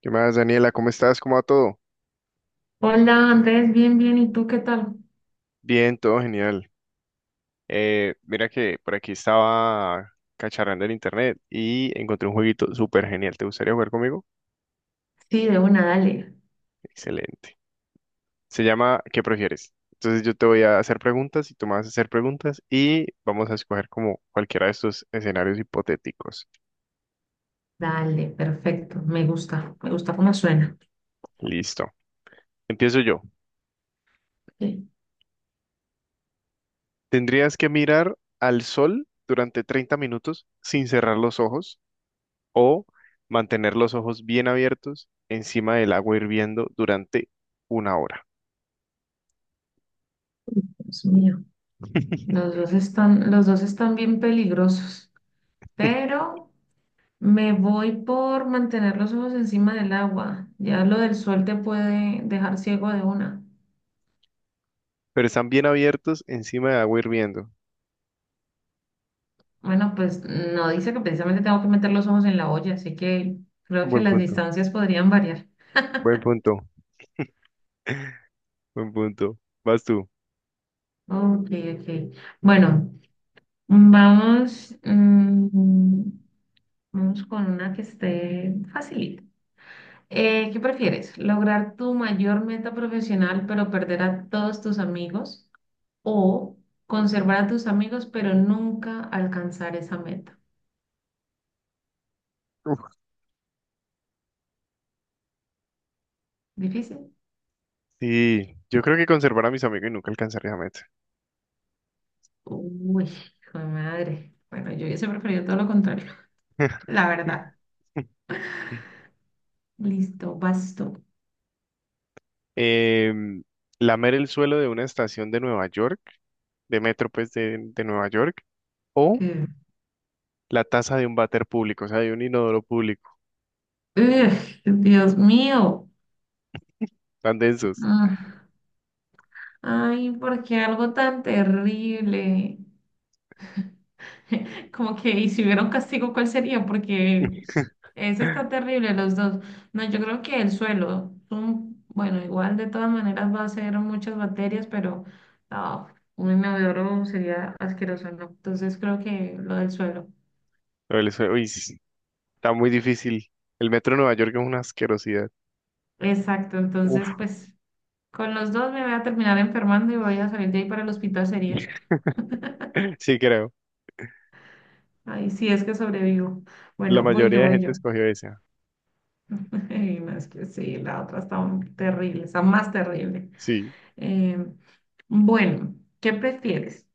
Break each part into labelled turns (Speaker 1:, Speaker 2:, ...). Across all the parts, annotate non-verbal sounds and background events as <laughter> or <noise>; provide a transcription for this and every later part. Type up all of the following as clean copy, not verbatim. Speaker 1: ¿Qué más, Daniela? ¿Cómo estás? ¿Cómo va todo?
Speaker 2: Hola Andrés, bien, bien, ¿y tú qué tal?
Speaker 1: Bien, todo genial. Mira que por aquí estaba cacharrando el internet y encontré un jueguito súper genial. ¿Te gustaría jugar conmigo?
Speaker 2: Sí, de una, dale,
Speaker 1: Excelente. Se llama ¿qué prefieres? Entonces yo te voy a hacer preguntas y tú me vas a hacer preguntas y vamos a escoger como cualquiera de estos escenarios hipotéticos.
Speaker 2: dale, perfecto, me gusta cómo suena.
Speaker 1: Listo. Empiezo yo.
Speaker 2: Sí,
Speaker 1: ¿Tendrías que mirar al sol durante 30 minutos sin cerrar los ojos, o mantener los ojos bien abiertos encima del agua hirviendo durante una hora?
Speaker 2: Dios mío,
Speaker 1: <laughs>
Speaker 2: los dos están bien peligrosos, pero me voy por mantener los ojos encima del agua, ya lo del sol te puede dejar ciego de una.
Speaker 1: Pero están bien abiertos encima del agua hirviendo.
Speaker 2: Bueno, pues no dice que precisamente tengo que meter los ojos en la olla, así que creo que
Speaker 1: Buen
Speaker 2: las
Speaker 1: punto,
Speaker 2: distancias podrían variar.
Speaker 1: buen punto, buen punto. Vas tú.
Speaker 2: Ok, ok. Bueno, vamos. mm, vamos con una que esté facilita. ¿Qué prefieres? ¿Lograr tu mayor meta profesional pero perder a todos tus amigos? ¿O conservar a tus amigos pero nunca alcanzar esa meta?
Speaker 1: Uf,
Speaker 2: ¿Difícil?
Speaker 1: sí, yo creo que conservar a mis amigos y nunca alcanzaría a meta.
Speaker 2: Uy, hijo de madre. Bueno, yo hubiese preferido todo lo contrario. <laughs>
Speaker 1: <laughs>
Speaker 2: La verdad. Listo, basto.
Speaker 1: Em, Lamer el suelo de una estación de Nueva York, de metro, pues de Nueva York, o
Speaker 2: Eh,
Speaker 1: la taza de un váter público, o sea, de un inodoro público,
Speaker 2: ugh, Dios mío.
Speaker 1: tan densos.
Speaker 2: Ah, ay, ¿por qué algo tan terrible? <laughs> Como que, y si hubiera un castigo, ¿cuál sería? Porque ese está terrible, los dos. No, yo creo que el suelo, bueno, igual de todas maneras va a ser muchas bacterias, pero no, un inodoro sería asqueroso, ¿no? Entonces creo que lo del suelo.
Speaker 1: Pero el sue-, uy, sí, está muy difícil. El metro de Nueva York es una asquerosidad.
Speaker 2: Exacto,
Speaker 1: Uf.
Speaker 2: entonces pues con los dos me voy a terminar enfermando y voy a salir de ahí para el hospital sería.
Speaker 1: <laughs> Sí, creo.
Speaker 2: Ay, si es que sobrevivo.
Speaker 1: La
Speaker 2: Bueno, voy
Speaker 1: mayoría
Speaker 2: yo,
Speaker 1: de
Speaker 2: voy
Speaker 1: gente
Speaker 2: yo.
Speaker 1: escogió esa.
Speaker 2: <laughs> Y no, es que sí, la otra está terrible, está más terrible.
Speaker 1: Sí.
Speaker 2: Eh, bueno, ¿qué prefieres?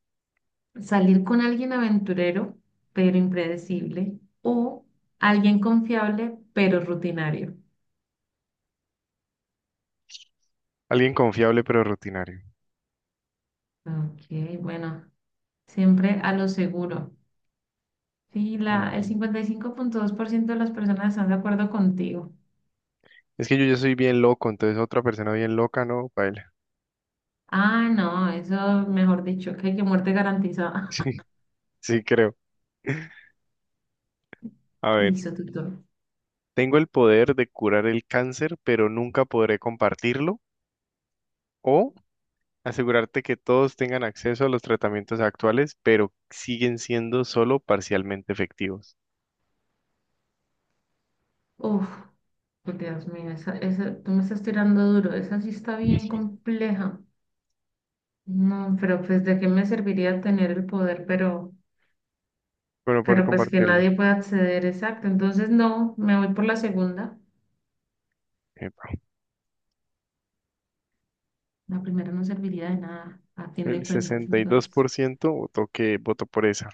Speaker 2: ¿Salir con alguien aventurero pero impredecible o alguien confiable pero rutinario?
Speaker 1: Alguien confiable pero rutinario.
Speaker 2: Ok, bueno, siempre a lo seguro. Sí, el
Speaker 1: Ujú.
Speaker 2: cincuenta y cinco punto dos por ciento de las personas están de acuerdo contigo.
Speaker 1: Es que yo soy bien loco, entonces otra persona bien loca, ¿no? Baila. <laughs>
Speaker 2: Ah, no, eso mejor dicho, que hay que muerte garantizada.
Speaker 1: Sí,
Speaker 2: <laughs>
Speaker 1: sí, creo. A ver,
Speaker 2: Listo, tutor.
Speaker 1: tengo el poder de curar el cáncer, pero nunca podré compartirlo. O asegurarte que todos tengan acceso a los tratamientos actuales, pero siguen siendo solo parcialmente efectivos.
Speaker 2: Uf, Dios mío, tú me estás tirando duro, esa sí está bien
Speaker 1: <laughs>
Speaker 2: compleja. No, pero pues de qué me serviría tener el poder, pero,
Speaker 1: Bueno, poder
Speaker 2: pero pues que
Speaker 1: compartirlo.
Speaker 2: nadie pueda acceder, exacto. Entonces no, me voy por la segunda.
Speaker 1: Epa.
Speaker 2: La primera no serviría de nada, a fin de
Speaker 1: El
Speaker 2: cuentas.
Speaker 1: sesenta y dos
Speaker 2: Entonces,
Speaker 1: por ciento votó, que votó por esa.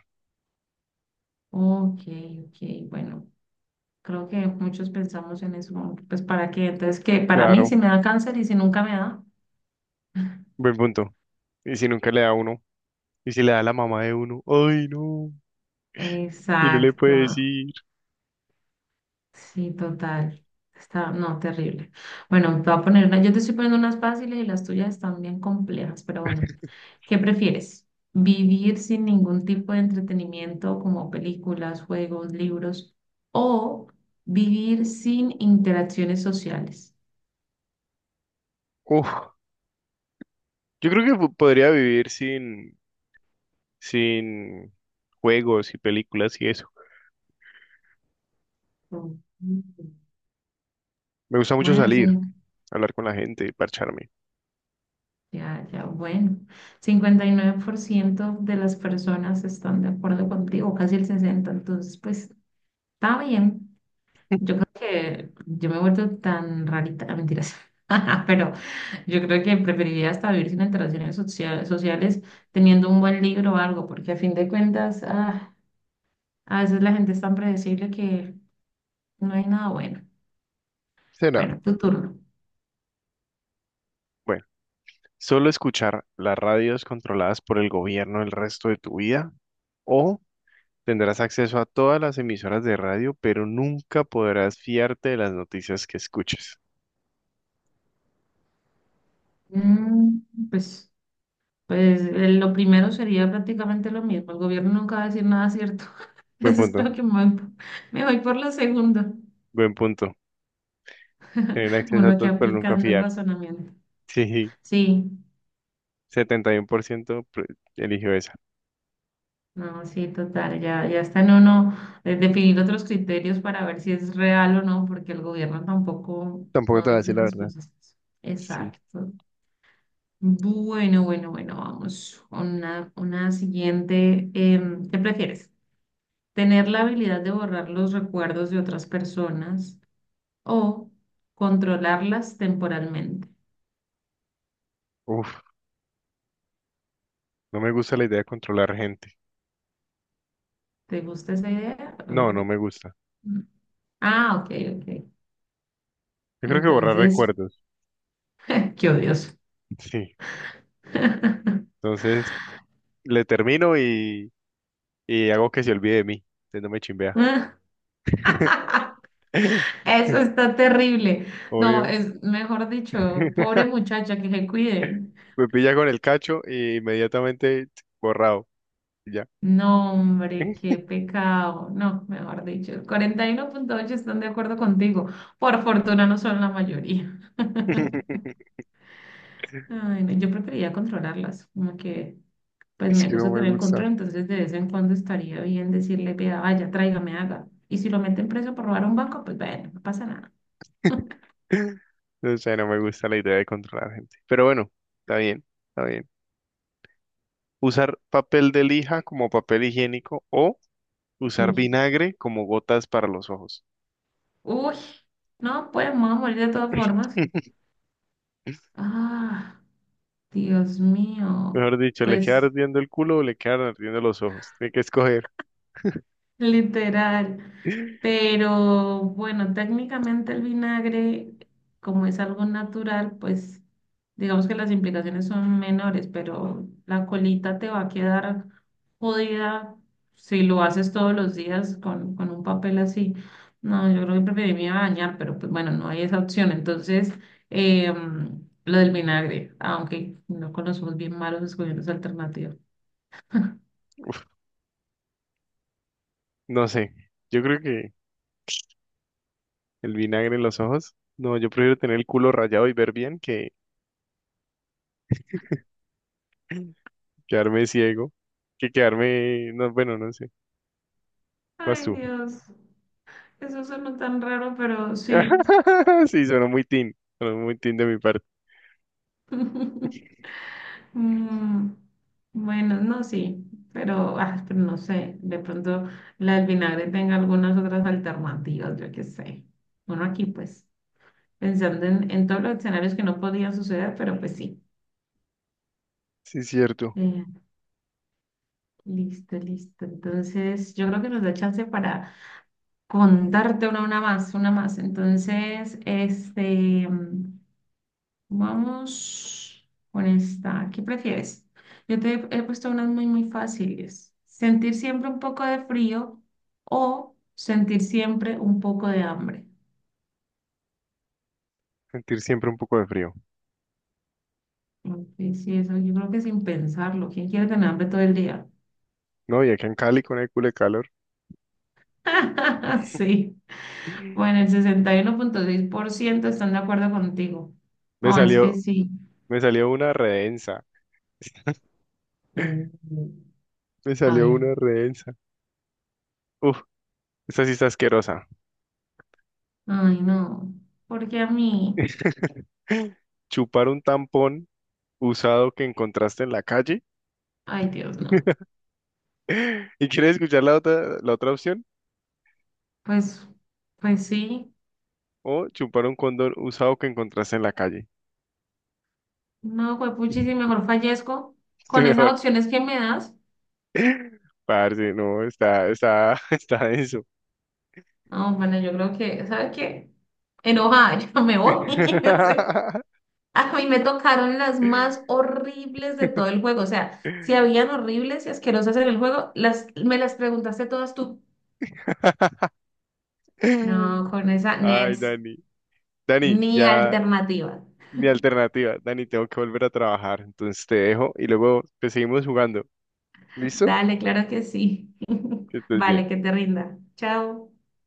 Speaker 2: ok, ok, bueno, creo que muchos pensamos en eso. Como que, pues para qué, entonces que para mí
Speaker 1: Claro,
Speaker 2: si me da cáncer y si nunca me da.
Speaker 1: buen punto. ¿Y si nunca le da a uno? ¿Y si le da a la mamá de uno? Ay, no. Y no le
Speaker 2: Exacto,
Speaker 1: puede decir.
Speaker 2: sí, total. Está, no, terrible. Bueno, te voy a poner una, yo te estoy poniendo unas fáciles y las tuyas están bien complejas, pero bueno, ¿qué prefieres? ¿Vivir sin ningún tipo de entretenimiento como películas, juegos, libros o vivir sin interacciones sociales?
Speaker 1: Uf, yo creo que podría vivir sin, sin juegos y películas y eso.
Speaker 2: Mm.
Speaker 1: Me gusta mucho
Speaker 2: Bueno,
Speaker 1: salir, hablar con la gente y parcharme.
Speaker 2: ya, ya, bueno, cincuenta y nueve por ciento de las personas están de acuerdo contigo, casi el 60, entonces pues está bien. Yo creo que yo me he vuelto tan rarita, mentiras, <laughs> pero yo creo que preferiría hasta vivir sin interacciones sociales teniendo un buen libro o algo, porque a fin de cuentas, a veces la gente es tan predecible que no hay nada bueno.
Speaker 1: ¿Será?
Speaker 2: Bueno, tu turno.
Speaker 1: Bueno, solo escuchar las radios controladas por el gobierno el resto de tu vida, o tendrás acceso a todas las emisoras de radio, pero nunca podrás fiarte de las noticias que escuches.
Speaker 2: Mm, pues, pues lo primero sería prácticamente lo mismo. El gobierno nunca va a decir nada cierto. <laughs>
Speaker 1: Buen
Speaker 2: Entonces
Speaker 1: punto,
Speaker 2: creo que me voy por lo segundo.
Speaker 1: buen punto.
Speaker 2: <laughs>
Speaker 1: Tener acceso a
Speaker 2: Uno que
Speaker 1: todos, pero nunca
Speaker 2: aplicando el
Speaker 1: fiarse.
Speaker 2: razonamiento.
Speaker 1: <laughs> Sí,
Speaker 2: Sí.
Speaker 1: 71% pre- eligió esa.
Speaker 2: No, sí, total, ya, ya está en uno definir otros criterios para ver si es real o no, porque el gobierno tampoco
Speaker 1: Tampoco
Speaker 2: no
Speaker 1: te voy a
Speaker 2: dice
Speaker 1: decir la
Speaker 2: las
Speaker 1: verdad.
Speaker 2: cosas.
Speaker 1: Sí.
Speaker 2: Exacto. Bueno, bueno, bueno, vamos con una siguiente. ¿Qué prefieres? ¿Tener la habilidad de borrar los recuerdos de otras personas o controlarlas temporalmente?
Speaker 1: Uf, no me gusta la idea de controlar gente.
Speaker 2: ¿Te gusta esa idea?
Speaker 1: No, no
Speaker 2: Oh.
Speaker 1: me gusta.
Speaker 2: Ah, ok, ok.
Speaker 1: Yo creo que borrar
Speaker 2: Entonces,
Speaker 1: recuerdos.
Speaker 2: <laughs> qué odioso.
Speaker 1: Sí.
Speaker 2: <laughs>
Speaker 1: Entonces, le termino y hago que se olvide de mí. Entonces no me chimbea.
Speaker 2: Eso
Speaker 1: <laughs>
Speaker 2: está terrible. No,
Speaker 1: Obvio.
Speaker 2: es mejor dicho, pobre
Speaker 1: <laughs>
Speaker 2: muchacha que se cuide.
Speaker 1: Me pilla con el cacho y inmediatamente, ch, borrado. Y ya.
Speaker 2: No, hombre, qué pecado. No, mejor dicho, el cuarenta y uno punto ocho están de acuerdo contigo. Por fortuna no son la mayoría.
Speaker 1: <laughs>
Speaker 2: Ay, no, yo preferiría controlarlas, como que pues
Speaker 1: Es
Speaker 2: me
Speaker 1: que no
Speaker 2: gusta
Speaker 1: me
Speaker 2: tener
Speaker 1: gusta.
Speaker 2: control, entonces de vez en cuando estaría bien decirle, vea, vaya, tráigame, haga. Y si lo meten preso por robar un banco, pues bueno, no pasa nada. <laughs>
Speaker 1: O sea, no me gusta la idea de controlar gente. Pero bueno, está bien, está bien. Usar papel de lija como papel higiénico, o usar
Speaker 2: Uy,
Speaker 1: vinagre como gotas para los ojos.
Speaker 2: uy, no, pues me voy a morir de todas formas.
Speaker 1: <laughs>
Speaker 2: Ah. Dios mío,
Speaker 1: Mejor dicho, le queda
Speaker 2: pues
Speaker 1: ardiendo el culo o le quedan ardiendo los ojos. Hay que escoger.
Speaker 2: literal.
Speaker 1: <laughs>
Speaker 2: Pero bueno, técnicamente el vinagre, como es algo natural, pues digamos que las implicaciones son menores, pero la colita te va a quedar jodida si lo haces todos los días con un papel así. No, yo creo que preferiría bañar, pero pues bueno, no hay esa opción. Entonces, em, lo del vinagre, aunque no conocemos bien malos escogiendo esa alternativa.
Speaker 1: No sé. Yo creo que el vinagre en los ojos. No, yo prefiero tener el culo rayado y ver bien que quedarme ciego. Que quedarme. No, bueno, no sé. Vas
Speaker 2: Ay,
Speaker 1: tú.
Speaker 2: Dios. Eso suena tan raro, pero sí.
Speaker 1: <laughs> Sí, suena muy teen. Suena muy teen de mi parte.
Speaker 2: <laughs> Mm, bueno, no, sí, pero no sé, de pronto la del vinagre tenga algunas otras alternativas, yo qué sé. Bueno, aquí pues, pensando en todos los escenarios que no podían suceder, pero pues sí.
Speaker 1: Sí, cierto.
Speaker 2: Eh, listo, listo. Entonces, yo creo que nos da chance para contarte una más, una más. Entonces, este, vamos con esta. ¿Qué prefieres? Yo te he puesto unas muy, muy fáciles. ¿Sentir siempre un poco de frío o sentir siempre un poco de hambre?
Speaker 1: Sentir siempre un poco de frío.
Speaker 2: Ok, sí, eso yo creo que sin pensarlo. ¿Quién quiere tener hambre todo el día?
Speaker 1: No, y acá en Cali con el culo de calor.
Speaker 2: <laughs>
Speaker 1: <laughs>
Speaker 2: Sí. Bueno, el sesenta y uno punto seis por ciento están de acuerdo contigo.
Speaker 1: Me
Speaker 2: No, es que
Speaker 1: salió,
Speaker 2: sí.
Speaker 1: Me salió una redensa.
Speaker 2: Mm.
Speaker 1: Me
Speaker 2: A
Speaker 1: salió
Speaker 2: ver.
Speaker 1: una redensa. Uf, esta sí está asquerosa.
Speaker 2: Ay, no. Porque a mí,
Speaker 1: <laughs> Chupar un tampón usado que encontraste en la calle.
Speaker 2: ay, Dios, no.
Speaker 1: <laughs> ¿Y quieres escuchar la otra opción?
Speaker 2: Pues, pues sí.
Speaker 1: O chupar un condón usado que encontraste en la calle.
Speaker 2: No, juepuchi, si
Speaker 1: <laughs>
Speaker 2: mejor fallezco
Speaker 1: Sí,
Speaker 2: con esas
Speaker 1: mejor.
Speaker 2: opciones que me das.
Speaker 1: Parce, no, <laughs> está denso.
Speaker 2: No, bueno, yo creo que, ¿sabes qué? Enojada, <laughs> yo me voy. <laughs> O sea,
Speaker 1: <laughs>
Speaker 2: a mí me tocaron las más horribles de todo el juego. O sea, si habían horribles y asquerosas en el juego, me las preguntaste todas tú. No, con esa
Speaker 1: Ay,
Speaker 2: Nets,
Speaker 1: Dani. Dani,
Speaker 2: ni
Speaker 1: ya
Speaker 2: alternativa.
Speaker 1: mi alternativa. Dani, tengo que volver a trabajar. Entonces te dejo y luego te seguimos jugando. ¿Listo?
Speaker 2: Dale, claro que sí.
Speaker 1: Que
Speaker 2: <laughs>
Speaker 1: estés bien.
Speaker 2: Vale, que te rinda. Chao.